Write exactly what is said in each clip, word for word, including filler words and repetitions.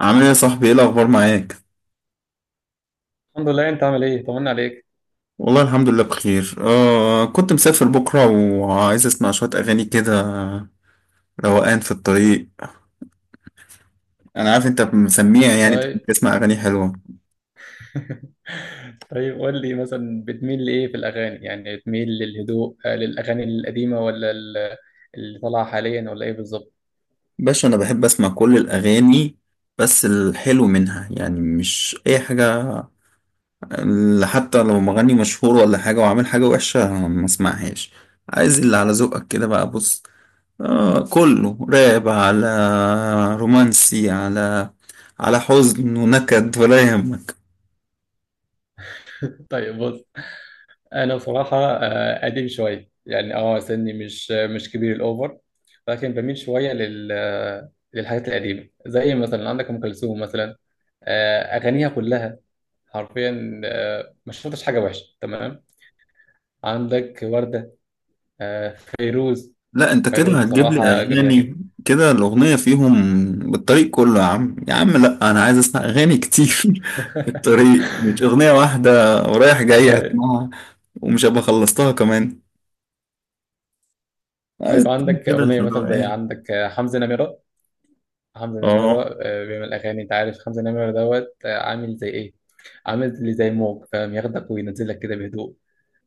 عامل ايه يا صاحبي، ايه الاخبار معاك؟ الحمد لله، انت عامل ايه؟ طمنا عليك. والله الحمد لله بخير. آه كنت مسافر بكره وعايز اسمع شويه اغاني كده، روقان في الطريق. انا عارف انت مسميع، يعني بتحب طيب. تسمع اغاني حلوه. طيب، قول لي مثلا بتميل لايه في الاغاني؟ يعني بتميل للهدوء آه، للاغاني القديمه، ولا ال- اللي طالعه حاليا، ولا ايه بالظبط؟ باشا، انا بحب اسمع كل الاغاني، بس الحلو منها، يعني مش اي حاجه، اللي حتى لو مغني مشهور ولا حاجه وعامل حاجه وحشه ما اسمعهاش. عايز اللي على ذوقك كده بقى، بص. آه كله راب، على رومانسي، على على حزن ونكد ولا يهمك. طيب، بص. انا بصراحه آه، قديم شويه، يعني اه سني مش مش كبير الاوفر. لكن بميل شويه لل آه، للحاجات القديمه، زي مثلا عندك ام كلثوم مثلا. آه، اغانيها كلها، حرفيا، آه، ما شفتش حاجه وحشه. تمام. عندك وردة، آه فيروز. لا، انت فيروز كده هتجيب لي بصراحة جميلة اغاني جدا. كده الاغنيه فيهم بالطريق كله، يا عم يا عم، لا انا عايز اسمع اغاني كتير. في الطريق مش اغنيه واحده، ورايح جاي طيب. هسمعها، ومش هبقى خلصتها كمان. عايز طيب، عندك كده في أغنية مثلا زي الروقان. عندك آه، حمزة نمرة. حمزة اه، نمرة آه، بيعمل أغاني. أنت عارف حمزة نمرة دوت آه، عامل زي إيه؟ عامل اللي زي موج، فاهم؟ ياخدك وينزلك كده بهدوء.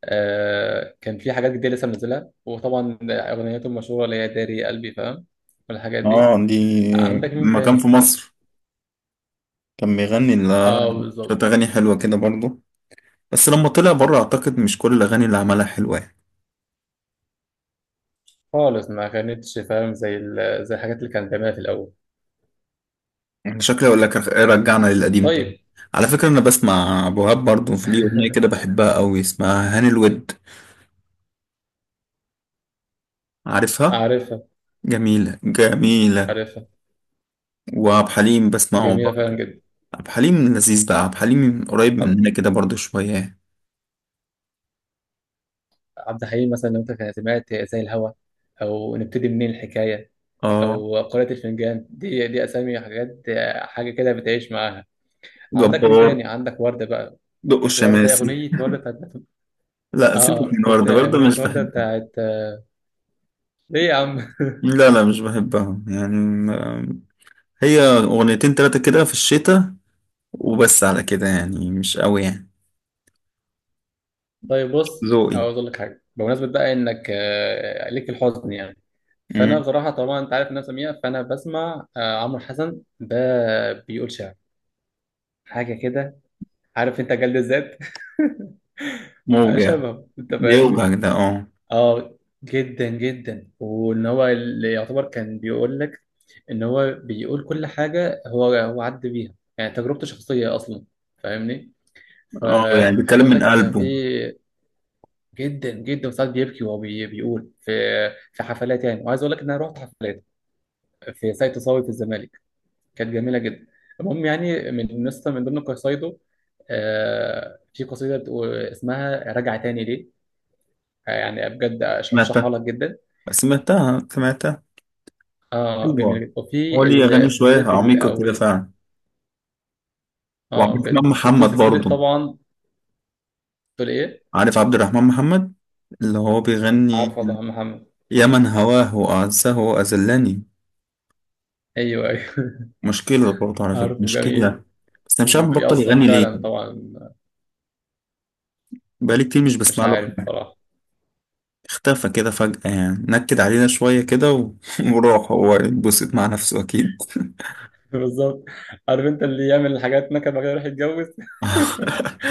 آه كان في حاجات جديدة لسه منزلها، وطبعا أغنيته المشهورة اللي هي داري قلبي، فاهم؟ والحاجات دي. اه، دي عندك مين لما كان في تاني؟ مصر كان بيغني اه، ال- شويه بالظبط. اغاني حلوه كده برضه، بس لما طلع بره اعتقد مش كل الاغاني اللي عملها حلوه يعني. خالص، ما كانتش فاهم زي ال- زي الحاجات اللي كان بيعملها في الأول. انا شكلي اقول لك إيه، رجعنا للقديم تاني. طيب. على فكرة انا بسمع ابو وهاب برضه، في ليه اغنية كده بحبها قوي اسمها هاني الود، عارفها؟ عارفها، جميلة جميلة. عارفها. وعبد الحليم بسمعه جميلة برضه. فعلا جدا. عبد الحليم لذيذ بقى، عبد الحليم قريب عبد مننا كده برضه شوية. عبد الحليم مثلا، لو انت كان سمعت زي الهوا، او نبتدي منين الحكاية، اه. او قارئة الفنجان. دي دي اسامي حاجات، حاجة كده بتعيش معاها. عندك مين جبار. تاني؟ عندك وردة بقى. دق وردة، الشماسي. اغنية وردة بتاعت... لا، سيبك اه، اه، من وردة وبتاع برضه اغنية مش وردة بحبها. بتاعت... ليه يا عم؟ لا لا مش بحبها يعني، ما- هي اغنيتين تلاتة كده في الشتاء وبس، على كده يعني مش قوي يعني. طيب، بص. ذوقي. عاوز اقول لك حاجة بمناسبة بقى، انك آه، ليك في الحزن، يعني. فانا مم. بصراحة، طبعا انت عارف ان انا سميع. فانا بسمع آه، عمرو حسن ده، بيقول شعر. حاجة كده، عارف انت؟ جلد الذات، آه، موجع. شبه. انت فاهمني؟ بيوجع ده اه. اه، جدا جدا. وان هو اللي يعتبر كان بيقول لك، ان هو بيقول كل حاجه هو هو عدى بيها، يعني تجربته شخصيه اصلا. فاهمني؟ اه، يعني فعايز بيتكلم اقول من لك، كان في... قلبه. جدا جدا ساعات بيبكي وهو بي- بيقول في... في حفلات يعني، وعايز اقول لك ان انا رحت حفلات في ساقية تصاوي في الزمالك. كانت جميله جدا. المهم، يعني من نسخه من ضمن قصايده، آه، في قصيده بتقول اسمها راجع تاني ليه، آه، يعني بجد ارشحها سمعتها لك جدا. سمعتها سمعتها. اه، جميله حلوة. جدا. هو وفي ليه أغاني ال- شوية سلسله ال- عميقة او كده ال- فعلا. وعبد اه، الرحمن بجد. وفي محمد سلسله برضه. طبعا. تقول ايه؟ عارف عبد الرحمن محمد؟ اللي هو بيغني عارفه، ده محمد. يا من هواه وأعزه وأذلني. ايوه، ايوه. مشكلة برضه على فكرة عارفه، جميل. مشكلة. بس أنا مش عارف بطل وبيأثر يغني ليه، فعلا طبعا. بقالي كتير مش مش بسمع له عارف حاجة. صراحه. اختفى كده فجأة، يعني نكد علينا شوية كده و- وراح هو يتبسط مع نفسه أكيد. بالظبط. عارف، انت اللي يعمل الحاجات نكد بعد كده يروح يتجوز.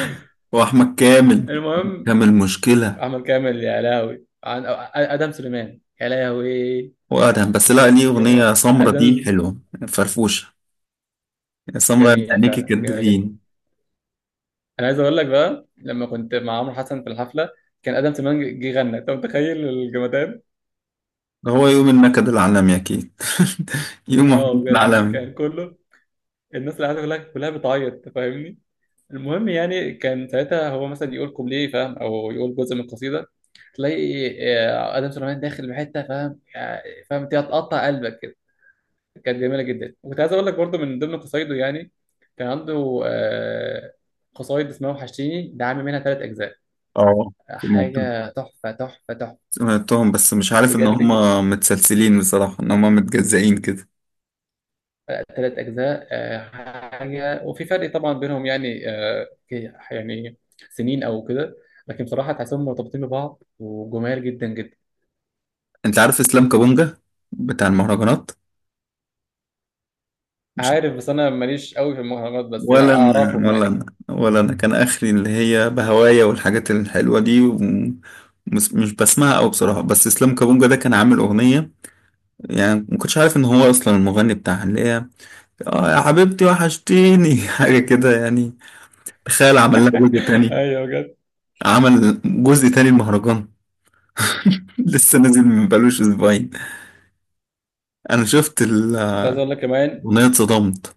واحمد كامل. المهم، كامل مشكله. احمد كامل يا لهوي. عن ادم سليمان يا لهوي. وادهم، بس لا ليه اغنيه بجد، سمرة دي ادم. حلوه، فرفوشه. سمرة جميله عينيكي فعلا، جميله جدا. كدفين. انا عايز اقول لك بقى، لما كنت مع عمرو حسن في الحفله، كان ادم سليمان جه غنى. انت متخيل الجمدان؟ هو يوم النكد العالمي اكيد، يوم اه، الحب بجد العالمي. كان كله... الناس اللي قاعده كلها كلها بتعيط. أنت فاهمني؟ المهم، يعني كان ساعتها هو مثلا يقول كوبليه، فاهم؟ او يقول جزء من القصيده، تلاقي آه، ادم سليمان داخل بحته، فاهم؟ آه، فاهم؟ انت هتقطع قلبك كده. كانت جميله جدا. وكنت عايز اقول لك برضو من ضمن قصايده يعني، كان عنده آه، قصايد اسمها وحشتيني، ده عامل منها ثلاث اجزاء. اه، سمعتهم حاجه تحفه تحفه تحفه. سمعتهم، بس مش عارف ان هم بجد. متسلسلين بصراحه، ان هم متجزئين كده. ثلاث أجزاء، آه، حاجة. وفي فرق طبعا بينهم يعني، آه، في- يعني سنين أو كده. لكن بصراحة تحسهم مرتبطين ببعض، وجمال جدا جدا. انت عارف اسلام كابونجا بتاع المهرجانات؟ عارف، بس أنا ماليش قوي في المهرجانات، بس يعني ولا انا أعرفهم ولا يعني كده. انا ولا انا كان اخري اللي هي بهوايا والحاجات الحلوه دي، ومش مش بسمعها قوي بصراحه، بس اسلام كابونجا ده كان عامل اغنيه، يعني ما كنتش عارف ان هو اصلا المغني بتاعها، اللي هي اه يا حبيبتي وحشتيني. حاجه كده يعني. تخيل، عمل لها جزء تاني. أيوه، بجد. عمل جزء تاني المهرجان. لسه نازل من بقالوش اسبوعين، انا شفت كنت الاغنيه عايز أقول لك كمان. اتصدمت.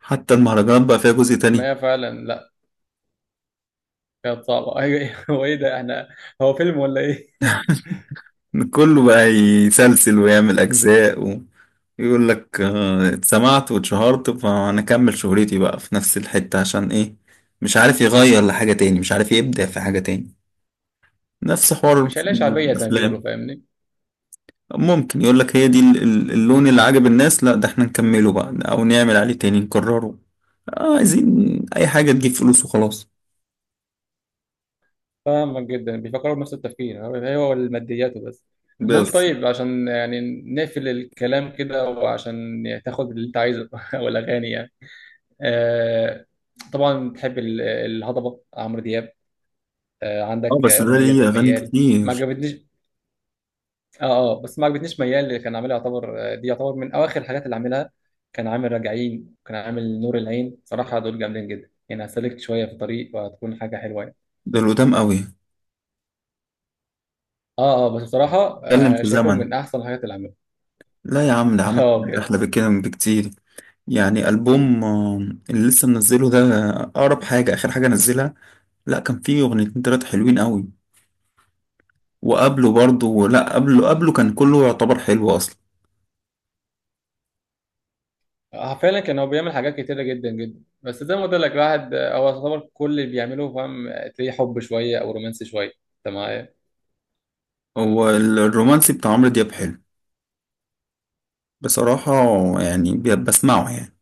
حتى المهرجانات بقى فيها جزء تاني. ما هي فعلا، لا. كانت صعبة، أيوه. هو إيه ده؟ إحنا، هو فيلم ولا إيه؟ كله بقى يسلسل ويعمل أجزاء ويقول لك آه، اتسمعت واتشهرت فأنا أكمل شهرتي بقى في نفس الحتة، عشان إيه؟ مش عارف يغير لحاجة تاني، مش عارف يبدع في حاجة تاني. نفس حوار مش عليها شعبية زي ما بيقولوا، الأفلام. فاهمني؟ ممكن يقول لك هي دي ال- ال- اللون اللي عجب الناس، لا ده احنا نكمله بقى أو نعمل عليه تاني نكرره. آه، عايزين أي حاجة تجيب فلوس وخلاص. فاهمك. جدا بيفكروا بنفس التفكير، هو هو الماديات وبس. المهم، بس طيب، عشان يعني نقفل الكلام كده، وعشان تاخد اللي انت عايزه. او الاغاني يعني، آه طبعا بتحب ال- الهضبه عمرو دياب. آه اه عندك بس ده اغنيه ليه زي أغاني ميال. ما كتير. عجبتنيش. اه. اه، بس ما عجبتنيش ميال. اللي كان عاملها يعتبر آه، دي يعتبر من اواخر الحاجات اللي عاملها. كان عامل راجعين، كان عامل نور العين. صراحه دول جامدين جدا يعني. هسلكت شويه في الطريق وهتكون حاجه حلوه يعني. ده القدام قوي. اه، اه، بس بصراحه اتكلم آه في شايفهم زمن. من احسن الحاجات اللي عملها. لا يا عم، ده عمل اه، حاجات بجد. أحلى بكده من بكتير. يعني ألبوم آه، اللي لسه منزله ده، آه، أقرب حاجة، آخر حاجة نزلها. لا كان فيه أغنيتين تلاتة حلوين قوي. وقبله برضه، لا قبله قبله كان كله يعتبر حلو أصلا. آه، فعلا كان هو بيعمل حاجات كتيرة جدا جدا. بس زي ما قلت لك، الواحد آه، هو يعتبر كل اللي بيعمله، فاهم؟ آه، تلاقيه حب شوية أو رومانسي شوية. أنت معايا؟ هو ال- الرومانسي بتاع عمرو دياب حلو بصراحة، يعني ب- بسمعه يعني.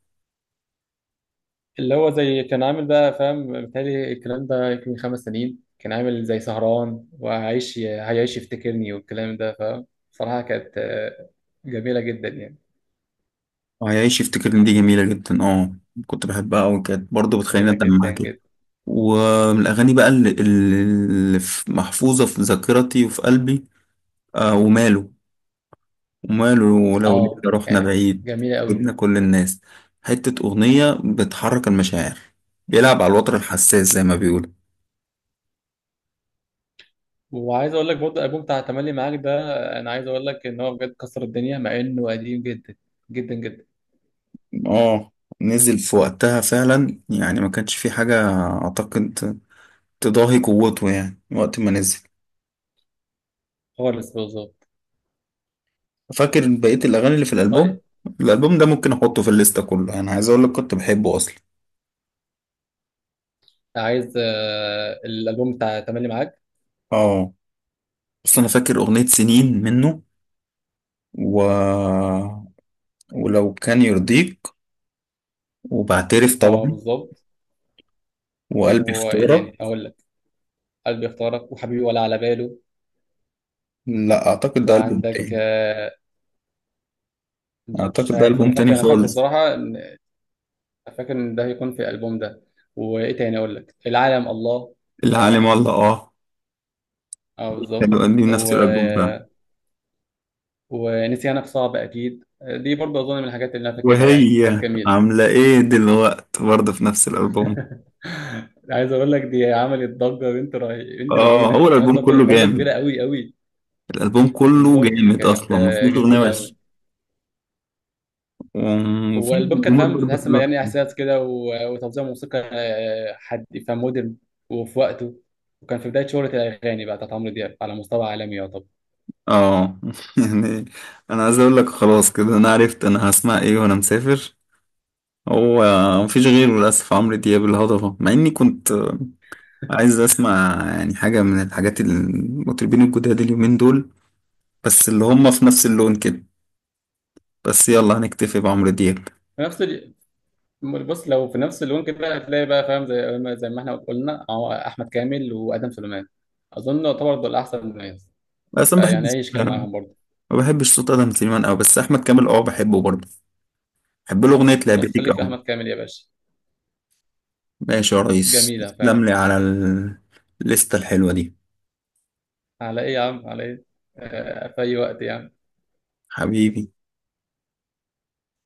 اللي هو زي كان عامل بقى، فاهم؟ بالتالي الكلام ده يمكن من خمس سنين. كان عامل زي سهران وهيعيش هيعيش يفتكرني والكلام ده، فاهم؟ صراحة كانت آه، جميلة جدا يعني. وهيعيش يفتكرني دي جميلة جدا اه. كنت بحبها أوي، كانت برضه بتخليني جميلة أدمع جدا كده. جدا. ومن الأغاني بقى اللي, اللي في- محفوظة في ذاكرتي وفي قلبي. آه وماله، وماله لو ليلة اه، رحنا آه، بعيد، جميلة قوي. جبنا كل الناس. حتة أغنية بتحرك المشاعر، بيلعب على الوتر الحساس زي ما بيقولوا. وعايز اقول لك برضه، الالبوم بتاع تملي معاك ده، آه، انا عايز اقول لك ان هو بجد كسر الدنيا، مع انه قديم جدا، جدا جدا. اه، نزل في وقتها فعلا يعني، ما كانش في حاجة أعتقد تضاهي قوته يعني وقت ما نزل. خالص، بالظبط. فاكر بقية الأغاني اللي في الألبوم؟ طيب، الألبوم ده ممكن أحطه في الليستة كله، أنا عايز أقول لك كنت بحبه أصلا. عايز آه، الالبوم بتاع تملي معاك. اه، بس أنا فاكر أغنية سنين منه، و... ولو كان يرضيك، وبعترف اه، طبعا، بالظبط. وقلبي وايه اختارك. تاني اقول لك؟ قلبي اختارك، وحبيبي ولا على باله. لا اعتقد ده البوم وعندك تاني. آه، مش اعتقد ده عارف. البوم انا تاني فاكر انا فاكره خالص. بصراحه إن- فاكر ان ده هيكون في الالبوم ده. وايه تاني اقول لك؟ العالم الله، العالم فاهم؟ والله اه. اه، بالظبط كانوا دي و... نفس الالبوم فعلا. ونسيانك صعب، اكيد دي برضه اظن من الحاجات اللي انا فاكرها يعني، كانت وهي جميله. عامله ايه دلوقت برضه في نفس الالبوم. عايز اقول لك، دي عملت ضجه. بنت رهي... بنت اه، لذينه هو الالبوم عملت ضجه، كله ضجة جامد، كبيره قوي قوي. الالبوم كله بالظبط، جامد كانت اصلا ما آه، فيهوش اغنيه جميله قوي. وحشه. وفي والالبوم كان، الجمهور فاهم؟ برضه تحس إنه حلوه يعني كتير. احساس كده و- وتوزيع موسيقى آه، حد، فاهم؟ مودرن. وفي وقته، وكان في بدايه شهره، الاغاني بقى بتاعت عمرو دياب على مستوى عالمي يعتبر. اه، يعني انا عايز اقول لك خلاص كده، انا عرفت انا هسمع ايه وانا مسافر. هو مفيش غيره للاسف، عمرو دياب الهضبه، مع اني كنت عايز اسمع يعني حاجة من الحاجات المطربين الجداد اليومين دول، بس اللي هم في نفس اللون كده، بس يلا هنكتفي بعمرو دياب. في نفس ال... بص، لو في نفس اللون كده هتلاقي بقى، فاهم؟ زي ما زي ما احنا قلنا أهو، احمد كامل وادم سليمان. اظن يعتبر دول احسن ناس، بس ما فيعني بحبش عيش كده معاهم برضه. ما بحبش صوت ادم سليمان قوي، بس احمد كامل اه بحبه برضه، بحب له اغنية خلاص، لعبتك خليك في قوي. احمد كامل يا باشا. ماشي يا ريس، جميله تسلم فعلا. لي على ال- الليستة الحلوة دي. على ايه يا عم، على ايه؟ آه، في اي وقت يعني. حبيبي.